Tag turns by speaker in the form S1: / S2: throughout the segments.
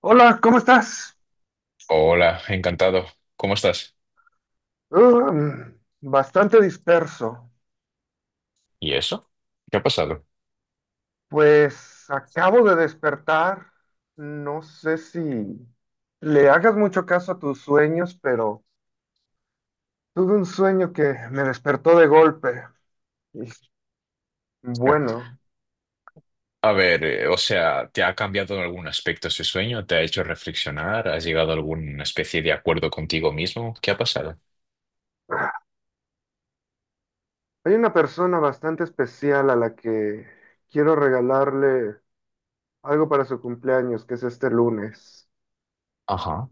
S1: Hola, ¿cómo estás?
S2: Hola, encantado. ¿Cómo estás?
S1: Um, bastante disperso.
S2: ¿Y eso? ¿Qué ha pasado?
S1: Pues acabo de despertar. No sé si le hagas mucho caso a tus sueños, pero tuve un sueño que me despertó de golpe. Y bueno,
S2: A ver, o sea, ¿te ha cambiado en algún aspecto ese sueño? ¿Te ha hecho reflexionar? ¿Has llegado a alguna especie de acuerdo contigo mismo? ¿Qué ha pasado?
S1: hay una persona bastante especial a la que quiero regalarle algo para su cumpleaños, que es este lunes.
S2: Ajá.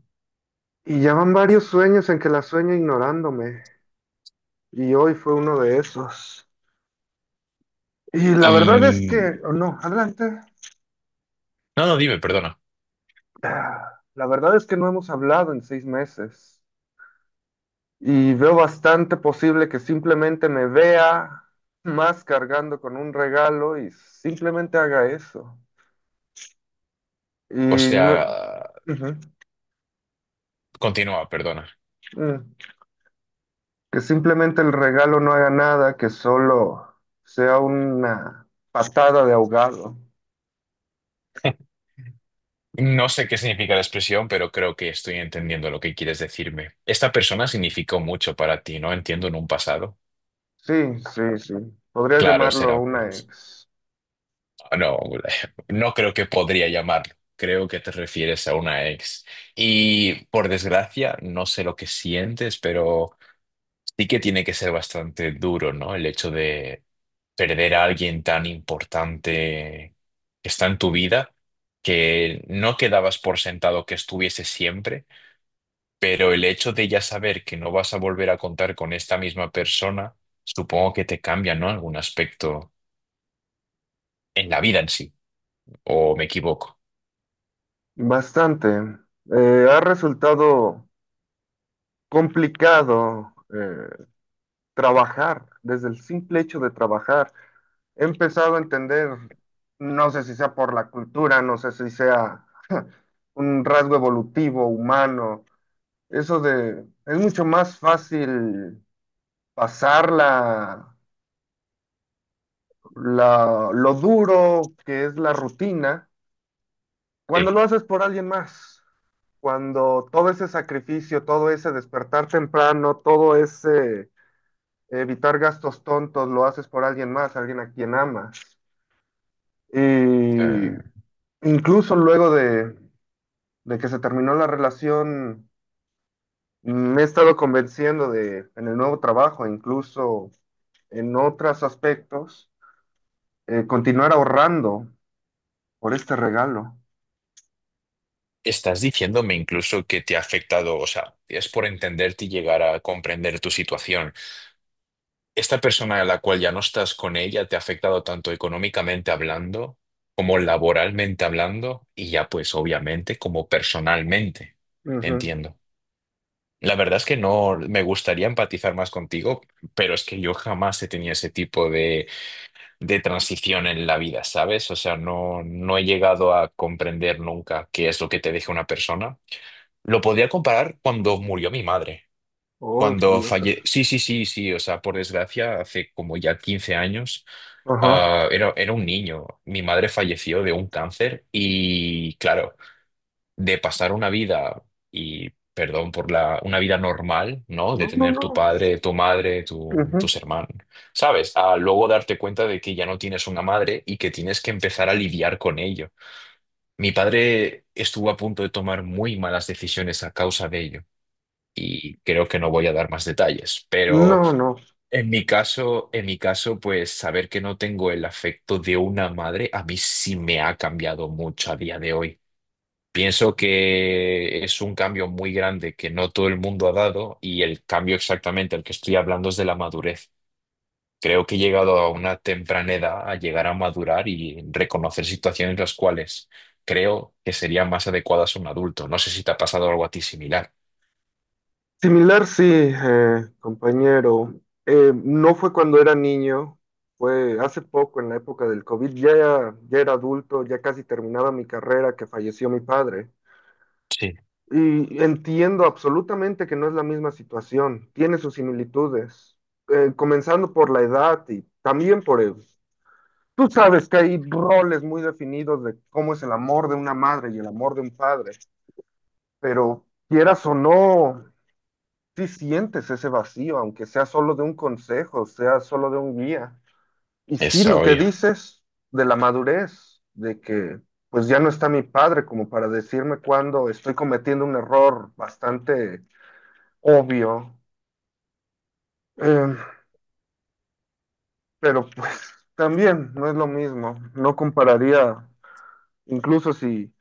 S1: Y ya van varios sueños en que la sueño ignorándome. Y hoy fue uno de esos. Y la verdad es
S2: Y...
S1: que, o no, adelante.
S2: No, no, dime, perdona.
S1: Ah, la verdad es que no hemos hablado en 6 meses y veo bastante posible que simplemente me vea más cargando con un regalo y simplemente haga eso. Y
S2: O sea,
S1: no- Ujú.
S2: continúa, perdona.
S1: mm. Que simplemente el regalo no haga nada, que solo sea una patada de ahogado.
S2: No sé qué significa la expresión, pero creo que estoy entendiendo lo que quieres decirme. Esta persona significó mucho para ti, ¿no? Entiendo en un pasado.
S1: Sí, sí, sí. Podrías
S2: Claro, será
S1: llamarlo
S2: por
S1: una
S2: eso.
S1: ex.
S2: No, no creo que podría llamarlo. Creo que te refieres a una ex. Y por desgracia, no sé lo que sientes, pero sí que tiene que ser bastante duro, ¿no? El hecho de perder a alguien tan importante que está en tu vida, que no quedabas por sentado que estuviese siempre, pero el hecho de ya saber que no vas a volver a contar con esta misma persona, supongo que te cambia, ¿no? Algún aspecto en la vida en sí, ¿o me equivoco?
S1: Bastante. Ha resultado complicado, trabajar, desde el simple hecho de trabajar. He empezado a entender, no sé si sea por la cultura, no sé si sea un rasgo evolutivo, humano, eso de, es mucho más fácil pasar lo duro que es la rutina
S2: Sí.
S1: cuando lo haces por alguien más. Cuando todo ese sacrificio, todo ese despertar temprano, todo ese evitar gastos tontos, lo haces por alguien más, alguien a quien amas. Y
S2: Eh,
S1: incluso luego de que se terminó la relación, me he estado convenciendo de, en el nuevo trabajo, incluso en otros aspectos, continuar ahorrando por este regalo.
S2: Estás diciéndome incluso que te ha afectado, o sea, es por entenderte y llegar a comprender tu situación. ¿Esta persona a la cual ya no estás con ella te ha afectado tanto económicamente hablando como laboralmente hablando y ya pues obviamente como personalmente?
S1: Ujú.
S2: Entiendo. La verdad es que no me gustaría empatizar más contigo, pero es que yo jamás he tenido ese tipo de transición en la vida, ¿sabes? O sea, no, no he llegado a comprender nunca qué es lo que te deja una persona. Lo podría comparar cuando murió mi madre.
S1: Oh,
S2: Cuando
S1: Dios.
S2: falle... Sí, sí, sí, sí. O sea, por desgracia, hace como ya 15 años,
S1: Ajá.
S2: era, era un niño. Mi madre falleció de un cáncer y, claro, de pasar una vida, y perdón por la, una vida normal, ¿no? De
S1: No, no,
S2: tener tu
S1: no.
S2: padre, tu madre, tu,
S1: Ujú.
S2: tus hermanos, ¿sabes? A luego darte cuenta de que ya no tienes una madre y que tienes que empezar a lidiar con ello. Mi padre estuvo a punto de tomar muy malas decisiones a causa de ello y creo que no voy a dar más detalles. Pero
S1: No, no.
S2: en mi caso, pues saber que no tengo el afecto de una madre a mí sí me ha cambiado mucho a día de hoy. Pienso que es un cambio muy grande que no todo el mundo ha dado y el cambio exactamente al que estoy hablando es de la madurez. Creo que he llegado a una temprana edad a llegar a madurar y reconocer situaciones las cuales creo que serían más adecuadas a un adulto. No sé si te ha pasado algo a ti similar.
S1: Similar, sí, compañero. No fue cuando era niño, fue hace poco, en la época del COVID. Ya, ya era adulto, ya casi terminaba mi carrera, que falleció mi padre.
S2: Sí.
S1: Y entiendo absolutamente que no es la misma situación, tiene sus similitudes, comenzando por la edad y también por el. Tú sabes que hay roles muy definidos de cómo es el amor de una madre y el amor de un padre, pero quieras o no, sí sientes ese vacío, aunque sea solo de un consejo, sea solo de un guía. Y sí,
S2: Eso.
S1: lo que dices de la madurez, de que pues ya no está mi padre como para decirme cuando estoy cometiendo un error bastante obvio, Eh, pero pues también no es lo mismo, no compararía, incluso si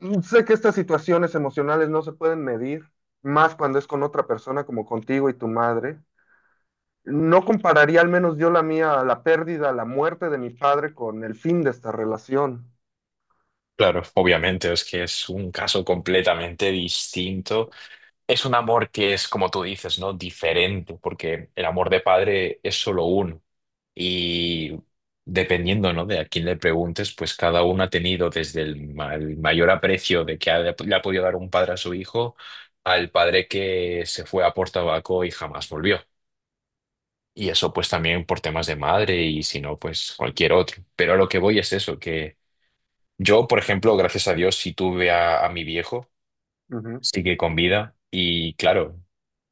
S1: sé que estas situaciones emocionales no se pueden medir, más cuando es con otra persona como contigo y tu madre. No compararía al menos yo la mía, la pérdida, la muerte de mi padre con el fin de esta relación.
S2: Claro, obviamente, es que es un caso completamente distinto. Es un amor que es, como tú dices, ¿no? Diferente, porque el amor de padre es solo uno. Y dependiendo, ¿no? De a quién le preguntes, pues cada uno ha tenido desde el, ma- el mayor aprecio de que ha- le ha podido dar un padre a su hijo, al padre que se fue a por tabaco y jamás volvió. Y eso pues también por temas de madre y si no, pues cualquier otro. Pero a lo que voy es eso, que... Yo, por ejemplo, gracias a Dios, sí tuve a mi viejo,
S1: Ujú,
S2: sigue con vida y claro,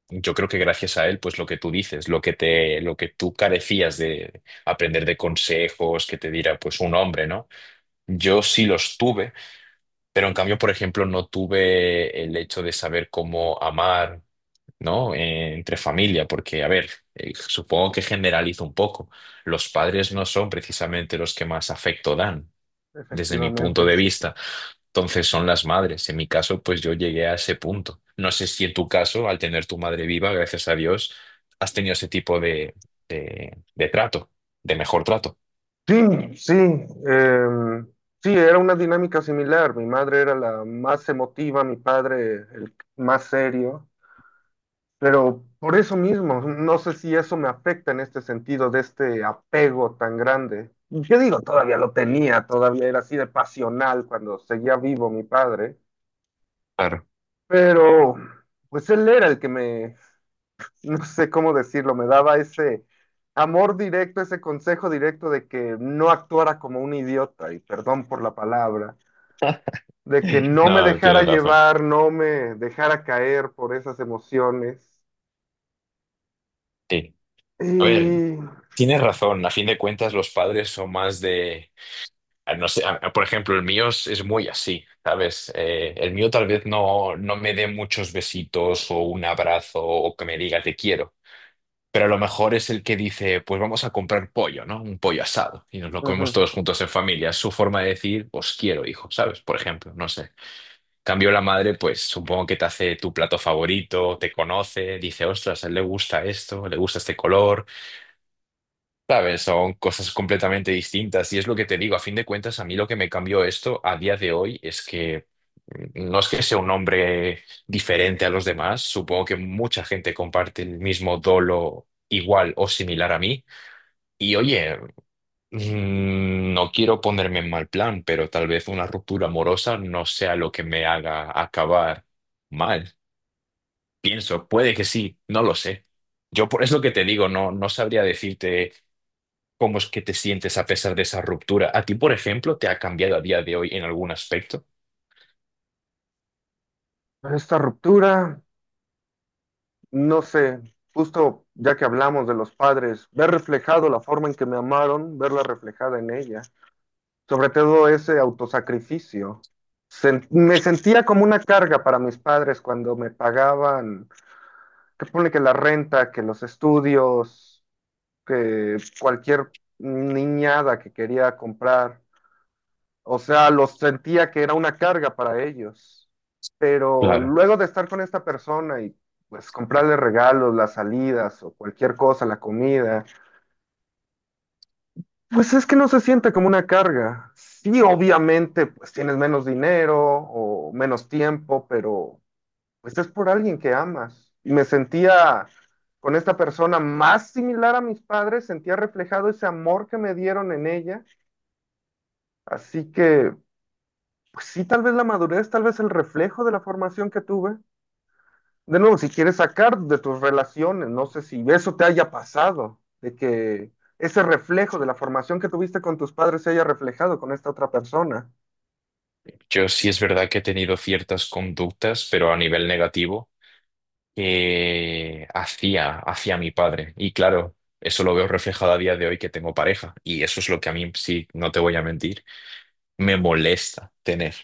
S2: yo creo que gracias a él, pues lo que tú dices, lo que te, lo que tú carecías de aprender de consejos que te diera pues un hombre, ¿no? Yo sí los tuve, pero en cambio, por ejemplo, no tuve el hecho de saber cómo amar, ¿no? Entre familia, porque a ver, supongo que generalizo un poco. Los padres no son precisamente los que más afecto dan, desde mi
S1: efectivamente.
S2: punto de vista. Entonces son las madres. En mi caso, pues yo llegué a ese punto. No sé si en tu caso, al tener tu madre viva, gracias a Dios, has tenido ese tipo de trato, de mejor trato.
S1: Sí, sí. em, sí, era una dinámica similar. Mi madre era la más emotiva, mi padre el más serio. Pero por eso mismo, no sé si eso me afecta en este sentido de este apego tan grande. Yo digo, todavía lo tenía, todavía era así de pasional cuando seguía vivo mi padre,
S2: Claro.
S1: pero pues él era el que me, no sé cómo decirlo, me daba ese amor directo, ese consejo directo de que no actuara como un idiota, y perdón por la palabra, de que no me
S2: No,
S1: dejara
S2: tienes razón.
S1: llevar, no me dejara caer por esas emociones.
S2: Sí. A ver,
S1: Y
S2: tienes razón. A fin de cuentas, los padres son más de... No sé, por ejemplo, el mío es muy así, ¿sabes? El mío tal vez no, no me dé muchos besitos o un abrazo o que me diga te quiero. Pero a lo mejor es el que dice, pues vamos a comprar pollo, ¿no? Un pollo asado y nos lo comemos
S1: ujú,
S2: todos juntos en familia. Es su forma de decir, os quiero, hijo, ¿sabes? Por ejemplo, no sé. Cambio la madre, pues supongo que te hace tu plato favorito, te conoce, dice, ostras, a él le gusta esto, le gusta este color, ¿sabes? Son cosas completamente distintas y es lo que te digo, a fin de cuentas, a mí lo que me cambió esto a día de hoy es que no es que sea un hombre diferente a los demás, supongo que mucha gente comparte el mismo dolo igual o similar a mí y oye, no quiero ponerme en mal plan, pero tal vez una ruptura amorosa no sea lo que me haga acabar mal. Pienso, puede que sí, no lo sé. Yo por eso que te digo, no, no sabría decirte cómo es que te sientes a pesar de esa ruptura. ¿A ti, por ejemplo, te ha cambiado a día de hoy en algún aspecto?
S1: esta ruptura, no sé, justo ya que hablamos de los padres, ver reflejado la forma en que me amaron, verla reflejada en ella. Sobre todo ese autosacrificio. Me sentía como una carga para mis padres cuando me pagaban, que pone que la renta, que los estudios, que cualquier niñada que quería comprar. O sea, los sentía que era una carga para ellos. Pero
S2: Claro.
S1: luego de estar con esta persona y pues comprarle regalos, las salidas o cualquier cosa, la comida. Pues es que no se siente como una carga. Sí, obviamente, pues tienes menos dinero o menos tiempo, pero pues es por alguien que amas. Y me sentía con esta persona más similar a mis padres, sentía reflejado ese amor que me dieron en ella. Así que, pues sí, tal vez la madurez, tal vez el reflejo de la formación que tuve. De nuevo, si quieres sacar de tus relaciones, no sé si eso te haya pasado, de que ese reflejo de la formación que tuviste con tus padres se haya reflejado con esta otra persona.
S2: Yo sí es verdad que he tenido ciertas conductas, pero a nivel negativo. Que hacía hacia mi padre. Y claro, eso lo veo reflejado a día de hoy que tengo pareja. Y eso es lo que a mí, sí, no te voy a mentir, me molesta tener.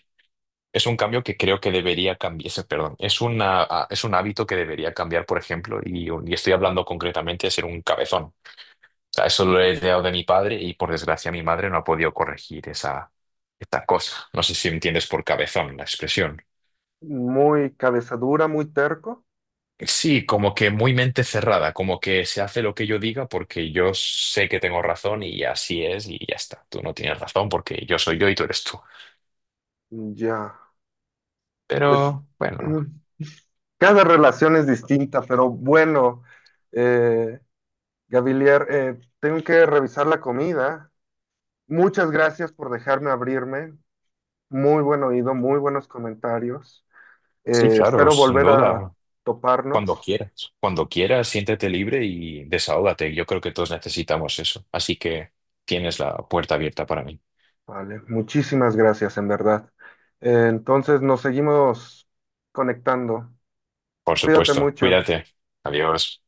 S2: Es un cambio que creo que debería cambiar, perdón, es una, es un hábito que debería cambiar, por ejemplo, y estoy hablando concretamente de ser un cabezón. O sea, eso lo he heredado de mi padre y por desgracia mi madre no ha podido corregir esa, esta cosa. No sé si entiendes por cabezón la expresión.
S1: Muy cabezadura, muy terco.
S2: Sí, como que muy mente cerrada, como que se hace lo que yo diga porque yo sé que tengo razón y así es y ya está. Tú no tienes razón porque yo soy yo y tú eres tú.
S1: Ya, pues
S2: Pero bueno,
S1: cada relación es distinta, pero bueno, eh, Gavilier, tengo que revisar la comida. Muchas gracias por dejarme abrirme. Muy buen oído, muy buenos comentarios.
S2: sí, claro,
S1: Espero
S2: sin
S1: volver a
S2: duda, cuando
S1: toparnos.
S2: quieras. Cuando quieras, siéntete libre y desahógate. Yo creo que todos necesitamos eso. Así que tienes la puerta abierta para mí.
S1: Vale, muchísimas gracias, en verdad. Entonces nos seguimos conectando.
S2: Por
S1: Cuídate
S2: supuesto,
S1: mucho.
S2: cuídate. Adiós.